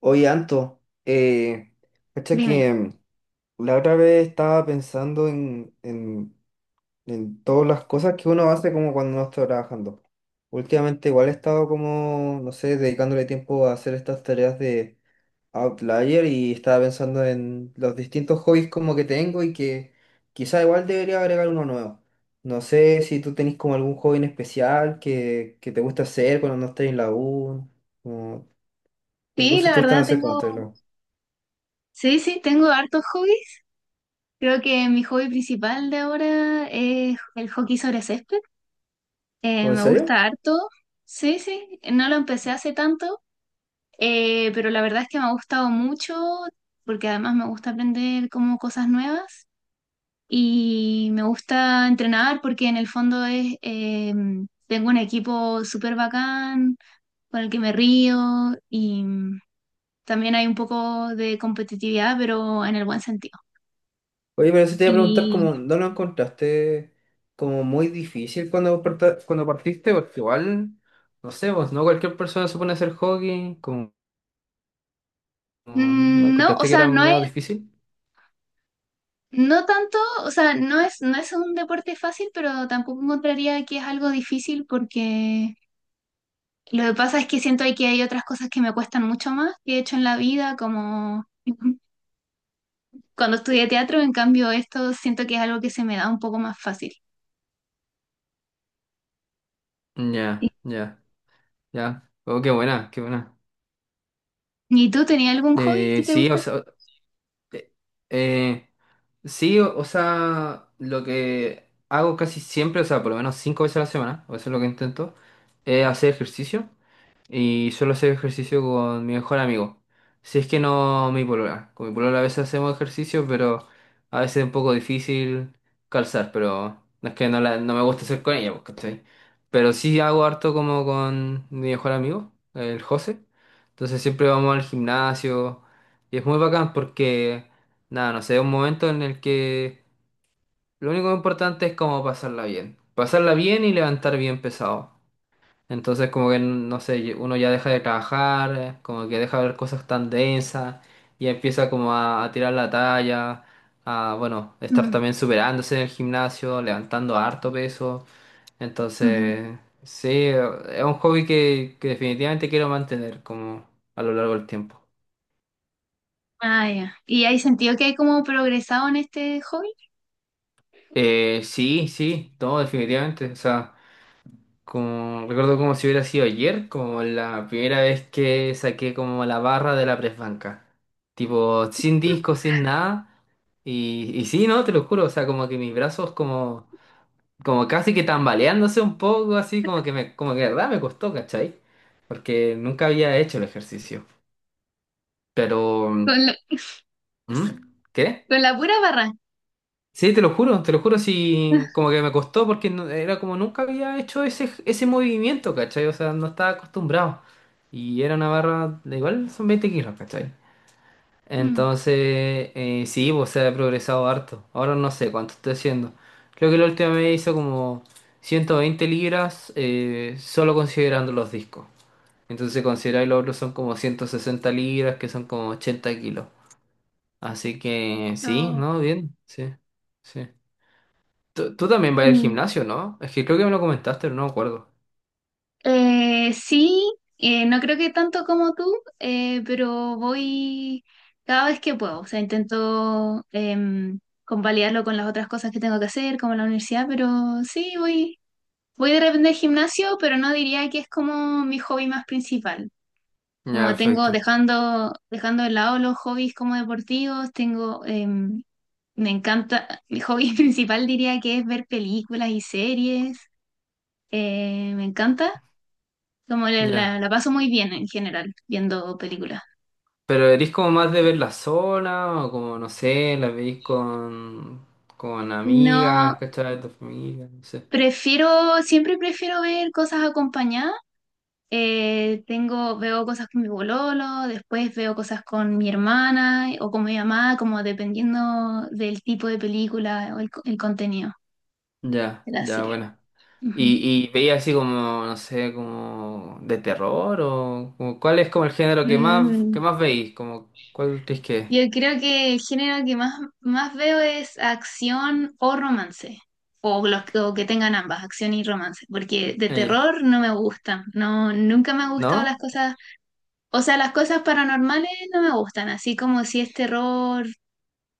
Oye, Anto, cacha Dime. que la otra vez estaba pensando en todas las cosas que uno hace como cuando no está trabajando. Últimamente igual he estado como, no sé, dedicándole tiempo a hacer estas tareas de Outlier y estaba pensando en los distintos hobbies como que tengo y que quizá igual debería agregar uno nuevo. No sé si tú tenés como algún hobby en especial que te gusta hacer cuando no estás en la U, como, como Sí, cosas la que te gustan verdad hacer cuando tengo, estás en la U. sí, sí, tengo hartos hobbies. Creo que mi hobby principal de ahora es el hockey sobre césped. ¿O en Me serio? gusta harto. Sí, sí, no lo empecé hace tanto, pero la verdad es que me ha gustado mucho porque además me gusta aprender como cosas nuevas y me gusta entrenar porque en el fondo es, tengo un equipo súper bacán con el que me río y también hay un poco de competitividad, pero en el buen sentido. Oye, pero eso te iba a preguntar, Y como, ¿no lo encontraste como muy difícil cuando, cuando partiste? Porque igual, no sé, vos, ¿no? Cualquier persona se pone a hacer hockey, ¿no no, o encontraste que sea, era medio difícil? no tanto, o sea, no es un deporte fácil, pero tampoco encontraría que es algo difícil porque lo que pasa es que siento que hay otras cosas que me cuestan mucho más que he hecho en la vida, como cuando estudié teatro, en cambio esto siento que es algo que se me da un poco más fácil. ¿Y Ya, ya, ya. Oh, qué buena, qué buena. y tú tenías algún hobby que te Sí, gusta o hacer? sea, eh, eh, sí, o sea, lo que hago casi siempre, o sea, por lo menos 5 veces a la semana, o eso es lo que intento, es hacer ejercicio. Y suelo hacer ejercicio con mi mejor amigo. Si es que no mi polola. Con mi polola a veces hacemos ejercicio, pero a veces es un poco difícil calzar, pero no es que no, no me gusta hacer con ella, pues, ¿cachai? Pero sí hago harto como con mi mejor amigo, el José. Entonces siempre vamos al gimnasio y es muy bacán porque, nada, no sé, es un momento en el que lo único importante es como pasarla bien. Pasarla bien y levantar bien pesado. Entonces como que, no sé, uno ya deja de trabajar, como que deja de ver cosas tan densas y empieza como a tirar la talla, a, bueno, estar Mm, también superándose en el gimnasio, levantando harto peso. ujú. Entonces, sí, es un hobby que definitivamente quiero mantener como a lo largo del tiempo. Ah, ya. ¿Y hay sentido que hay como progresado en este hobby? Sí, sí, no, definitivamente. O sea, como, recuerdo como si hubiera sido ayer, como la primera vez que saqué como la barra de la presbanca. Tipo, sin disco, sin nada. Y sí, ¿no? Te lo juro, o sea, como que mis brazos como, como casi que tambaleándose un poco, así como que me, como que de verdad me costó, ¿cachai? Porque nunca había hecho el ejercicio. Pero, ¿mm? Con ¿Qué? Con la pura barra. Sí, te lo juro, sí, como que me costó porque era como nunca había hecho ese movimiento, ¿cachai? O sea, no estaba acostumbrado. Y era una barra, de igual son 20 kilos, ¿cachai? Mm, Entonces, sí, pues se ha progresado harto. Ahora no sé cuánto estoy haciendo. Creo que la última vez hizo como 120 libras, solo considerando los discos. Entonces, considerar los otros son como 160 libras, que son como 80 kilos. Así que sí, oh, ¿no? Bien, sí, sí. Tú también vas al mm. gimnasio, ¿no? Es que creo que me lo comentaste, pero no me acuerdo. Sí, no creo que tanto como tú, pero voy cada vez que puedo. O sea, intento convalidarlo con las otras cosas que tengo que hacer, como la universidad, pero sí, voy, voy de repente al gimnasio, pero no diría que es como mi hobby más principal. Ya, Como tengo, perfecto. dejando, dejando de lado los hobbies como deportivos, tengo, me encanta, mi hobby principal diría que es ver películas y series. Me encanta, como Ya. la paso muy bien en general viendo películas. Pero eres como más de ver la zona, o como, no sé, la veis con No, amigas, ¿cachai? De tu familia, no sé. prefiero, siempre prefiero ver cosas acompañadas. Tengo, veo cosas con mi bololo, después veo cosas con mi hermana o con mi mamá, como dependiendo del tipo de película o el contenido Ya, de la ya, serie. bueno. Ujú. ¿Y veías así como, no sé, como de terror, o como cuál es como el género que más, Mm, que más veis? Como, ¿cuál crees que es? yo creo que el género que más, más veo es acción o romance, o, o que tengan ambas, acción y romance, porque de Eh, terror no me gustan, no, nunca me han gustado las ¿No? cosas, o sea, las cosas paranormales no me gustan, así como si es terror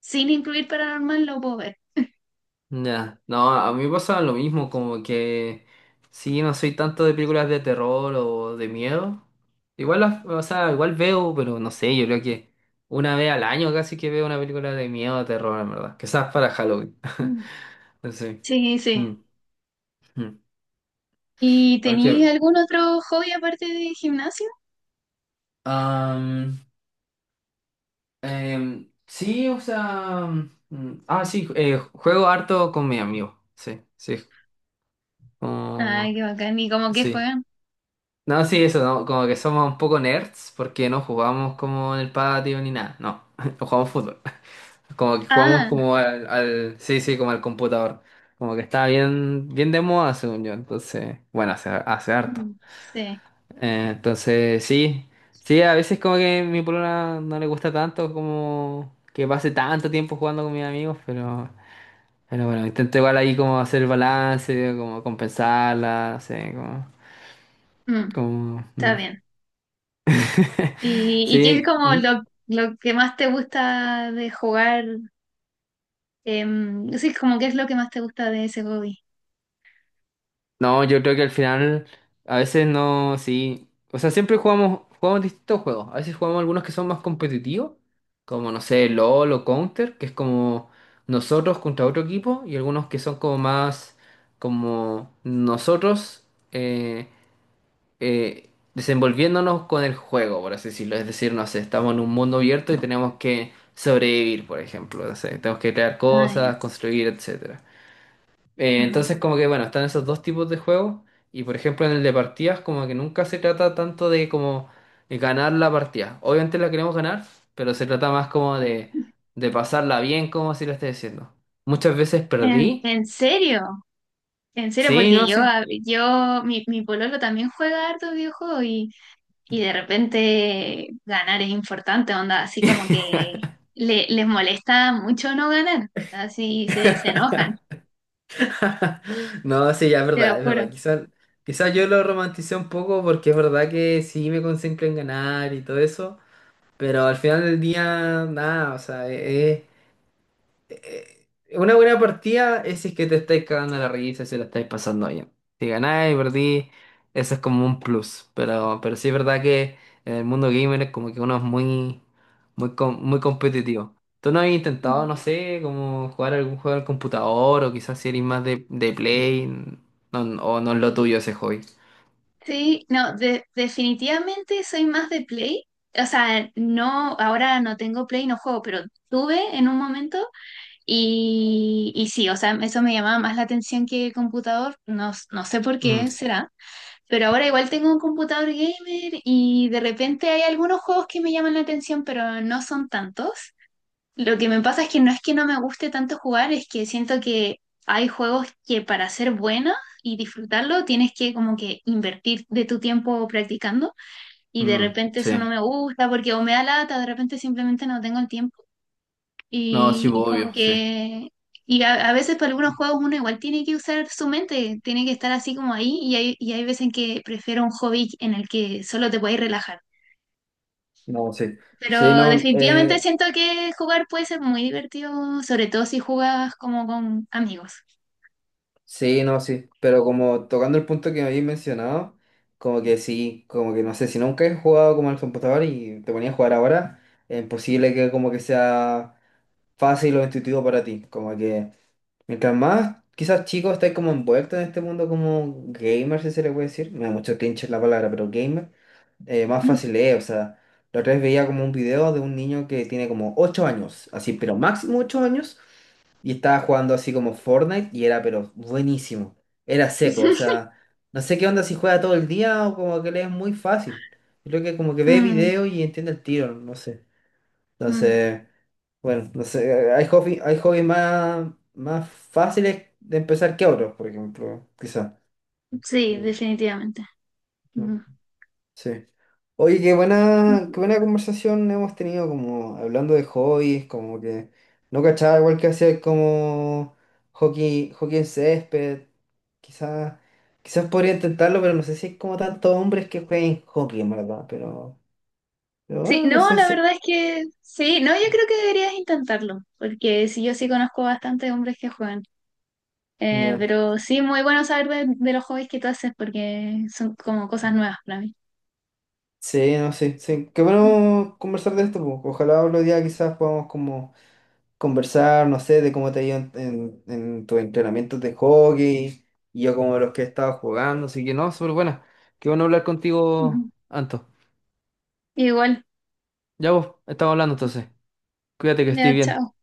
sin incluir paranormal lo puedo ver. Ya, no, a mí me pasa lo mismo, como que sí, no soy tanto de películas de terror o de miedo. Igual las, o sea, igual veo, pero no sé, yo creo que 1 vez al año casi que veo una película de miedo o terror, en verdad. Quizás para Halloween. Mm, Sí. sí, sí. Mm, mm. ¿Y Okay. tenéis algún otro hobby aparte de gimnasio? Am, sí, o sea, sí, juego harto con mi amigo. Sí, sí. Ay, como- qué bacán, ¿y cómo que sí. juegan? No, sí, eso, no, como que somos un poco nerds porque no jugamos como en el patio ni nada, no, no jugamos fútbol, como que jugamos Ah, como sí, sí, como al computador, como que está bien, bien de moda según yo, entonces, bueno, hace harto. mm, sí, Entonces, sí, sí, a veces como que mi polola no le gusta tanto como que pase tanto tiempo jugando con mis amigos, pero bueno, intento igual ahí como hacer balance, como compensarla, no sé, como, mm, como, está mm. bien. Y qué es Sí, como ¿mm? Lo que más te gusta de jugar? Sí, como qué es lo que más te gusta de ese hobby. No, yo creo que al final a veces no, sí. O sea, siempre jugamos, jugamos distintos juegos. A veces jugamos algunos que son más competitivos, como no sé, LOL o Counter, que es como nosotros contra otro equipo, y algunos que son como más como nosotros eh, desenvolviéndonos con el juego, por así decirlo. Es decir, no sé, estamos en un mundo abierto y tenemos que sobrevivir, por ejemplo. No sé, tenemos que crear Ah, ya. cosas, construir, etc. Entonces, como que bueno, están esos dos tipos de juegos. Y por ejemplo, en el de partidas, como que nunca se trata tanto de como de ganar la partida. Obviamente la queremos ganar, pero se trata más como Ujú. de pasarla bien, como si lo esté diciendo. Muchas veces perdí. En serio? En serio, Sí, porque no, yo, sí. Yo, mi pololo también juega harto videojuegos y de repente ganar es importante, onda, así como que le, les molesta mucho no ganar, así se, se enojan, No, sí, ya es te verdad, lo es verdad. juro. Quizás yo lo romanticé un poco porque es verdad que sí me concentro en ganar y todo eso. Pero al final del día, nada, o sea, es, eh, una buena partida es si es que te estáis cagando la risa, si la estáis pasando bien. Si ganáis, perdí, eso es como un plus. Pero sí es verdad que en el mundo gamer es como que uno es muy, muy, muy competitivo. ¿Tú no has intentado, no sé, como jugar algún juego al computador o quizás si eres más de Play o no es lo tuyo ese hobby? Sí, no, definitivamente soy más de Play. O sea, no, ahora no tengo Play, no juego, pero tuve en un momento y sí, o sea, eso me llamaba más la atención que computador, no, no sé por Mm, qué será, pero ahora igual tengo un computador gamer y de repente hay algunos juegos que me llaman la atención, pero no son tantos. Lo que me pasa es que no me guste tanto jugar, es que siento que hay juegos que para ser buena y disfrutarlo tienes que como que invertir de tu tiempo practicando y de mm, repente sí. eso no me gusta porque o me da lata, de repente simplemente no tengo el tiempo No, sí, y como obvio, sí. que... Y a veces para algunos juegos uno igual tiene que usar su mente, tiene que estar así como ahí y hay veces en que prefiero un hobby en el que solo te puedes relajar. No, sí. Sí, Pero no, definitivamente siento que jugar puede ser muy divertido, sobre todo si juegas como con amigos. sí, no, sí, pero como tocando el punto que me habéis mencionado, como que sí, como que no sé, si nunca he jugado como al computador y te ponías a jugar ahora, es imposible que como que sea fácil o intuitivo para ti, como que mientras más, quizás chicos, estáis como envueltos en este mundo como gamer, si se le puede decir. Me da mucho cringe la palabra, pero gamer. Más fácil es, o sea, la otra vez veía como un video de un niño que tiene como 8 años, así, pero máximo 8 años, y estaba jugando así como Fortnite y era, pero buenísimo, era seco, o sea, no sé qué onda si juega todo el día o como que le es muy fácil. Yo creo que como que ve Mm, video y entiende el tiro, no sé. mm. Entonces... Bueno, no sé, hay hobbies más, más fáciles de empezar que otros, por ejemplo, quizá. Sí, Mm. definitivamente. Mm, Mm. sí. Oye, qué buena conversación hemos tenido como hablando de hobbies, como que no cachaba igual que hacer como hockey en césped. Quizás, quizás podría intentarlo, pero no sé si hay como tantos hombres que jueguen hockey, en verdad, pero, pero, Sí, ah, no no, sé la si. verdad es que sí, no, yo creo que deberías intentarlo, porque sí, yo sí conozco bastante hombres que juegan. Ya. Pero sí, muy bueno saber de los hobbies que tú haces, porque son como cosas nuevas para mí. Sí, no sé, sí. Qué bueno conversar de esto, po. Ojalá otro día quizás podamos como conversar, no sé, de cómo te ha ido en tus entrenamientos de hockey y yo como de los que he estado jugando, así que no, súper buena. Qué bueno hablar contigo, Ujú. Anto. Igual, Ya vos, estamos hablando entonces. Cuídate que estés ya, bien. chao.